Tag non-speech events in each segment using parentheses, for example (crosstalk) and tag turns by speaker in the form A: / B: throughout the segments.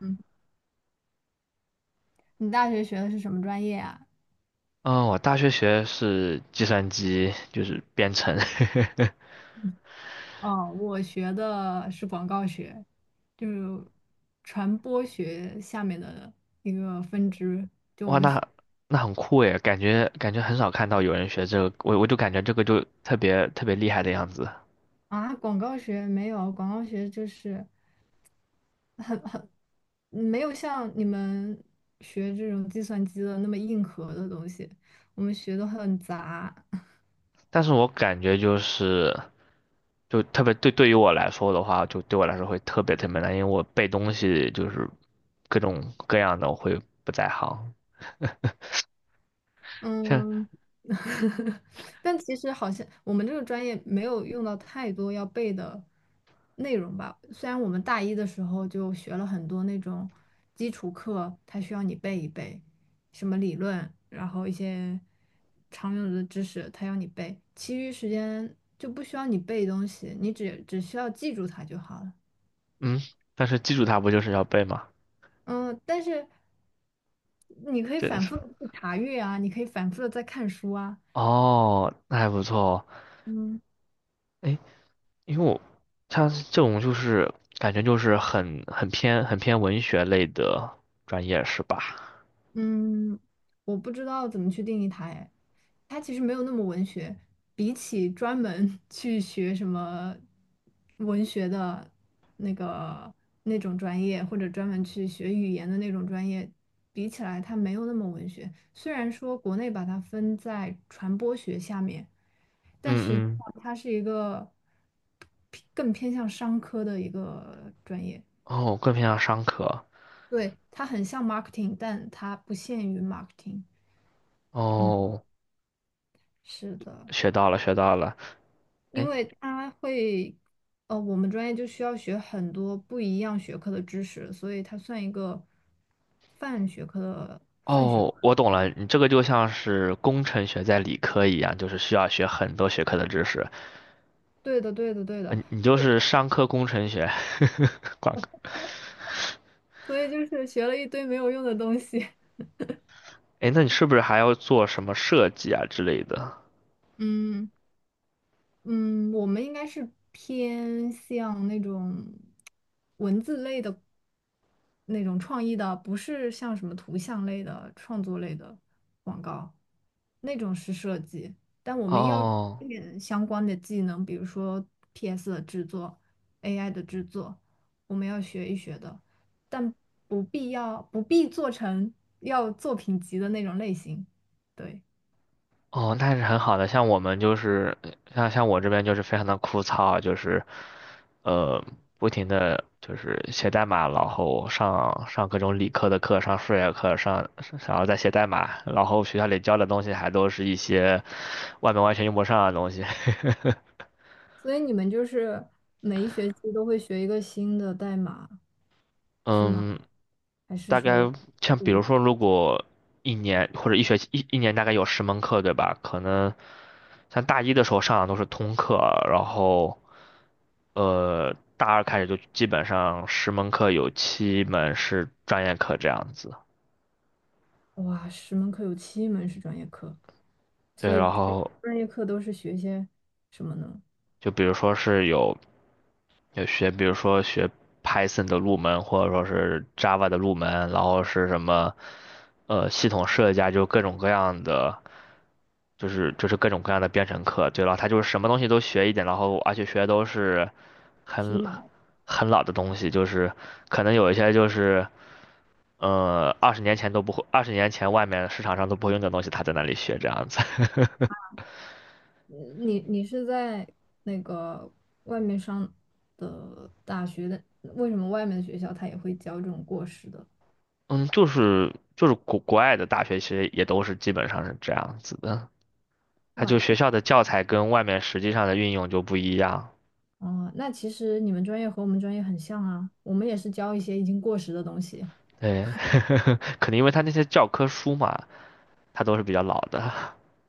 A: 嗯，你大学学的是什么专业啊？
B: 嗯，我大学学的是计算机，就是编程。(laughs)
A: 哦，我学的是广告学，就是传播学下面的一个分支。
B: 哇，那很酷诶，感觉很少看到有人学这个，我就感觉这个就特别特别厉害的样子。
A: 啊，广告学就是嗯没有像你们学这种计算机的那么硬核的东西，我们学的很杂。
B: 但是我感觉就是，就特别对于我来说的话，就对我来说会特别特别难，因为我背东西就是各种各样的，我会不在行。(laughs) 像
A: 嗯，(laughs) 但其实好像我们这个专业没有用到太多要背的内容吧。虽然我们大一的时候就学了很多那种基础课，它需要你背一背，什么理论，然后一些常用的知识，它要你背。其余时间就不需要你背东西，你只需要记住它就好了。
B: 嗯，但是基础它不就是要背吗？
A: 嗯，但是你可以
B: 真的
A: 反
B: 是
A: 复的去查阅啊，你可以反复的再看书啊。
B: 哦，那还不错哦。
A: 嗯。
B: 哎因为我他这种就是感觉就是很偏文学类的专业是吧？
A: 嗯，我不知道怎么去定义它，哎，它其实没有那么文学，比起专门 (laughs) 去学什么文学的那个那种专业，或者专门去学语言的那种专业比起来，它没有那么文学。虽然说国内把它分在传播学下面，但是
B: 嗯嗯，
A: 它是一个更偏向商科的一个专业。
B: 哦，更偏向商科。
A: 对，它很像 marketing，但它不限于 marketing。嗯。
B: 哦，
A: 是的，
B: 学到了学到了。
A: 因
B: 哎，
A: 为它会，我们专业就需要学很多不一样学科的知识，所以它算一个泛学科。
B: 哦，我懂了，你这个就像是工程学在理科一样，就是需要学很多学科的知识。
A: 对的，对的，对的，
B: 嗯，你就
A: 就
B: 是商科工程学，(laughs) 管。
A: 所以就是学了一堆没有用的东西。(laughs)
B: 哎，那你是不是还要做什么设计啊之类的？
A: 嗯。嗯，我们应该是偏向那种文字类的那种创意的，不是像什么图像类的、创作类的广告，那种是设计。但我们要一
B: 哦
A: 点相关的技能，比如说 PS 的制作、AI 的制作，我们要学一学的，但不必做成要作品集的那种类型。对。
B: 哦，那是很好的。像我这边就是非常的枯燥，就是，呃，不停的就是写代码，然后上各种理科的课，上数学课，然后再写代码，然后学校里教的东西还都是一些外面完全用不上的东西。(laughs)
A: 所以你们就是每一学期都会学一个新的代码，是吗？
B: 嗯，
A: 还是
B: 大
A: 说
B: 概像
A: 不
B: 比如
A: 一，
B: 说，如果一年或者一学期一年大概有十门课，对吧？可能像大一的时候上的都是通课，然后。大二开始就基本上十门课有7门是专业课这样子。
A: 哇，10门课有七门是专业课，
B: 对，
A: 所以
B: 然
A: 专
B: 后
A: 专业课都是学些什么呢？
B: 就比如说是有有学，比如说学 Python 的入门，或者说是 Java 的入门，然后是什么系统设计啊，就各种各样的，就是各种各样的编程课。对，然后他就是什么东西都学一点，然后而且学的都是
A: 皮
B: 很
A: 毛。
B: 很老的东西，可能有一些。二十年前都不会，二十年前外面市场上都不会用的东西，他在那里学这样子。
A: 你是在那个外面上的大学的，为什么外面的学校他也会教这种过时的？
B: (laughs) 嗯，就是国外的大学其实也都是基本上是这样子的，他
A: 哇，
B: 就学校的教材跟外面实际上的运用就不一样。
A: 哦，啊那其实你们专业和我们专业很像啊，我们也是教一些已经过时的东西，
B: 对，(laughs) 可能因为他那些教科书嘛，他都是比较老的，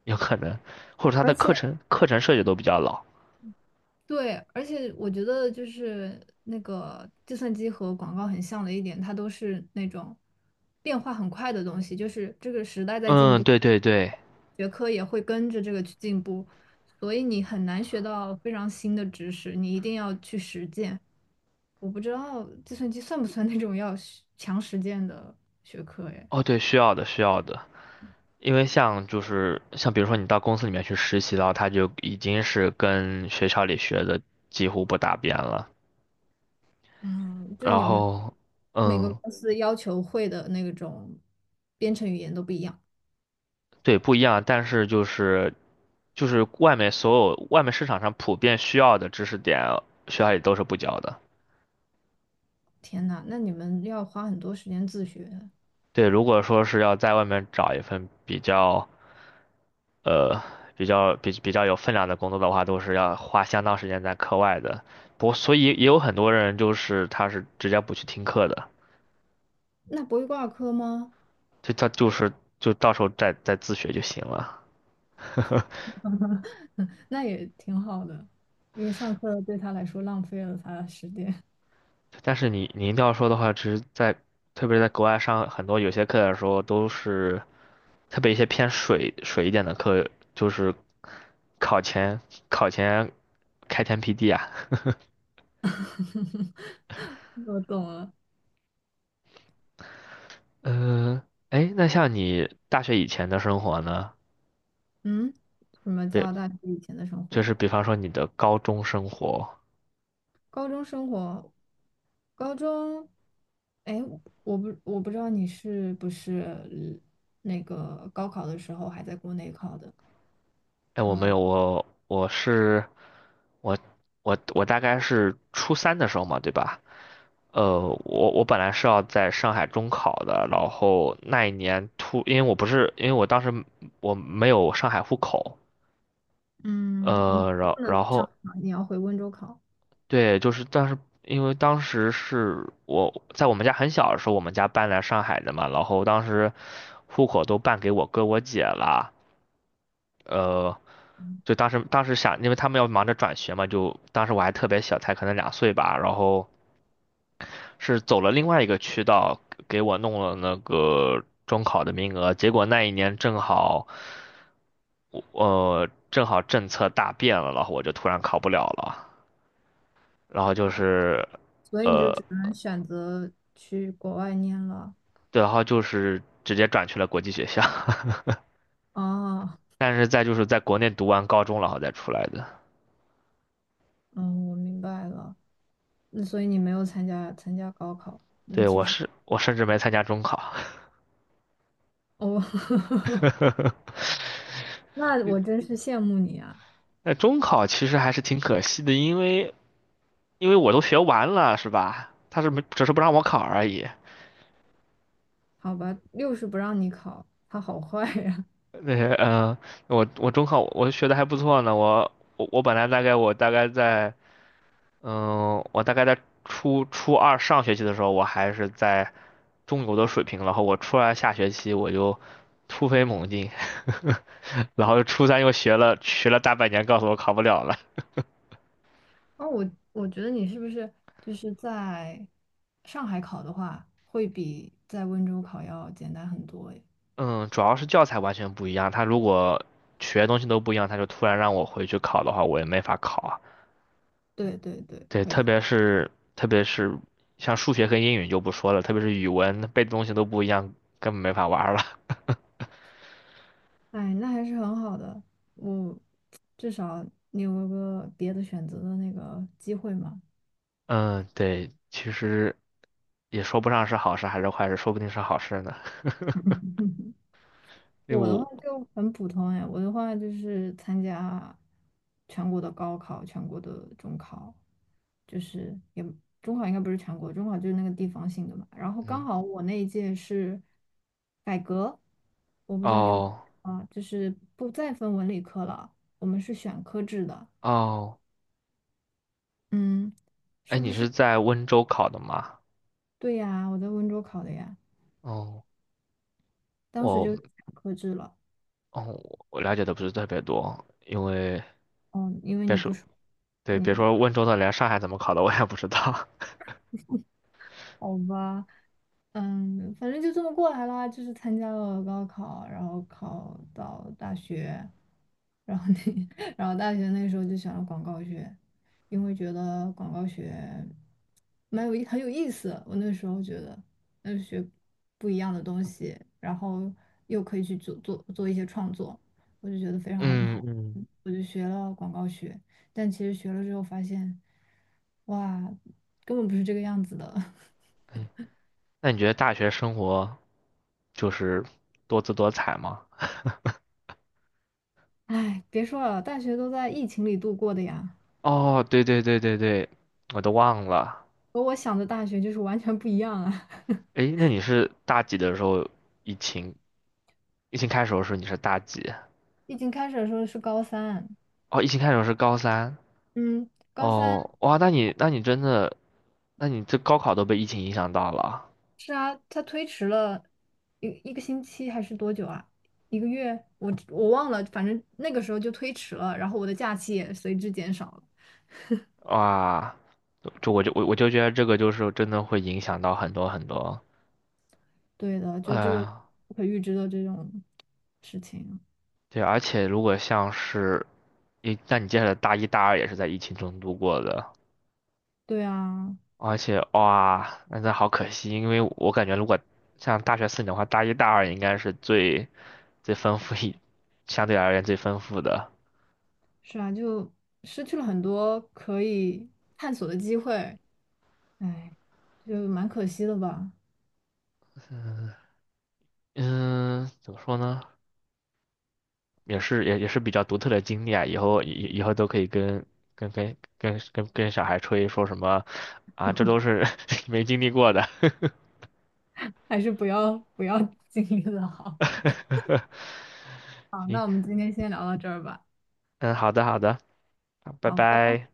B: 有可能，或者他
A: 而
B: 的
A: 且。
B: 课程设计都比较老。
A: 对，而且我觉得就是那个计算机和广告很像的一点，它都是那种变化很快的东西，就是这个时代在进
B: 嗯，
A: 步，
B: 对对对，
A: 学科也会跟着这个去进步，所以你很难学到非常新的知识，你一定要去实践。我不知道计算机算不算那种要实践的学科诶，
B: 哦对，需要的需要的。因为像就是像比如说你到公司里面去实习的话，他就已经是跟学校里学的几乎不搭边了。
A: 嗯，就是
B: 然
A: 你们
B: 后，
A: 每个
B: 嗯，
A: 公司要求会的那种编程语言都不一样。
B: 对，不一样，但是就是外面市场上普遍需要的知识点，学校里都是不教的。
A: 天呐，那你们要花很多时间自学，
B: 对，如果说是要在外面找一份呃比较有分量的工作的话，都是要花相当时间在课外的。不，所以也有很多人就是他是直接不去听课的。
A: 那不会挂科吗？
B: 就他就是就到时候再自学就行了。(laughs)
A: (laughs) 那也挺好的，因为上课对他来说浪费了他的时间。
B: 但是你一定要说的话，其实特别是在国外上很多有些课的时候，都是特别一些偏水一点的课，就是考前考前开天辟地啊。
A: (laughs) 我懂了，
B: (laughs) 嗯、哎，那像你大学以前的生活呢？
A: 嗯，什么
B: 对，
A: 叫大学以前的生
B: 就
A: 活？
B: 是比方说你的高中生活。
A: 高中生活，高中，哎，我不知道你是不是那个高考的时候还在国内考的，
B: 哎，我没有，我我大概是初三的时候嘛，对吧？我本来是要在上海中考的，然后那一年因为我不是，因为我当时没有上海户口，
A: 嗯，你不
B: 然
A: 能
B: 然
A: 上海
B: 后
A: 考你要回温州考。
B: 对，就是但是因为当时是我在我们家很小的时候，我们家搬来上海的嘛，然后当时户口都办给我哥我姐了，呃，就当时想，因为他们要忙着转学嘛，就当时我还特别小，才可能2岁吧，然后是走了另外一个渠道，给我弄了那个中考的名额。结果那一年正好，正好政策大变了，然后我就突然考不了了。然后就是，
A: 所以你就
B: 呃，
A: 只能选择去国外念了。
B: 对，然后就是直接转去了国际学校。(laughs)
A: 啊，
B: 但是再就是在国内读完高中，然后再出来的。
A: 嗯，我明白了。那所以你没有参加高考。那
B: 对，
A: 其
B: 我
A: 实
B: 是我甚至没参加中考。
A: 哦，(laughs)
B: (laughs)
A: 那我真是羡慕你啊。
B: 那中考其实还是挺可惜的，因为我都学完了，是吧？他是没只是不让我考而已。
A: 好吧，六是不让你考，他好坏呀、
B: (laughs) 那些嗯，我中考我学的还不错呢，我我本来大概我大概在嗯，我大概在初初二上学期的时候，我还是在中游的水平，然后我初二下学期就突飞猛进，(laughs) 然后初三又学了学了大半年，告诉我考不了了。
A: 哦，我觉得你是不是就是在上海考的话，会比在温州考要简单很多诶。
B: 嗯，主要是教材完全不一样，他如果学的东西都不一样，他就突然让我回去考的话，我也没法考啊。
A: 对对对，
B: 对，
A: 会
B: 特
A: 的。
B: 别是特别是像数学和英语就不说了，特别是语文背的东西都不一样，根本没法玩儿了。(laughs)
A: 哎，那还是很好的，我至少你有个别的选择的那个机会嘛。
B: 嗯，对，其实也说不上是好事还是坏事，说不定是好事呢。(laughs)
A: (laughs)
B: 因为
A: 我的话
B: 我，
A: 就很普通哎，我的话就是参加全国的高考、全国的中考，就是也中考应该不是全国，中考就是那个地方性的嘛。然后刚
B: 嗯，
A: 好我那一届是改革，我不知道你有没
B: 哦
A: 有啊，就是不再分文理科了，我们是选科制的，
B: 哦，
A: 嗯。
B: 哎，
A: 是不
B: 你是
A: 是
B: 在温州考的吗？
A: 对呀，我在温州考的呀，
B: 哦，
A: 当时
B: 我
A: 就是选科制了。
B: 哦，我了解的不是特别多，因为
A: 嗯，因为
B: 别
A: 你
B: 说
A: 不是
B: 对，别
A: 你
B: 说温州的，连上海怎么考的我也不知道。
A: 好吧？反正就这么过来啦，就是参加了高考，然后考到大学，然后那，(laughs) 然后大学那时候就选了广告学，因为觉得广告学蛮有意很有意思，我那时候觉得，那学不一样的东西，然后又可以去做一些创作，我就觉得
B: (laughs)
A: 非常
B: 嗯
A: 好，
B: 嗯。
A: 我就学了广告学，但其实学了之后发现，哇，根本不是这个样子的。(laughs)
B: 哎。那你觉得大学生活就是多姿多彩吗？
A: 哎，别说了，大学都在疫情里度过的呀，
B: 哦，对对对对对，我都忘了。
A: 和我想的大学就是完全不一样啊。(laughs)
B: 诶，那你是大几的时候？疫情疫情开始的时候你是大几？
A: 疫情开始的时候是高三，
B: 哦，疫情开始的时候是高三。
A: 嗯，高三
B: 哦，哇，那你真的，那你这高考都被疫情影响到了。
A: 是啊，它推迟了一个星期还是多久啊？一个月？我忘了，反正那个时候就推迟了，然后我的假期也随之减少了。
B: 哇，就我就我我就觉得这个就是真的会影响到很多很多。
A: 对的，就这个
B: 呃，
A: 不可预知的这种事情。
B: 对，而且如果像是，那你接下来大一大二也是在疫情中度过的，
A: 对啊，
B: 而且哇，那真的好可惜，因为我感觉如果像大学4年的话，大一大二应该是最丰富一，相对而言最丰富的。
A: 是啊，就失去了很多可以探索的机会，哎，就蛮可惜的吧。
B: 嗯，怎么说呢？也是比较独特的经历啊，以后都可以跟小孩吹说什么啊，这都是 (laughs) 没经历过的。
A: 还是不要不要 (laughs) 经历了好。
B: (laughs)
A: 好，
B: 行，
A: 那我们今天先聊到这儿吧。
B: 嗯，好的好的，好拜
A: 好，拜拜。
B: 拜。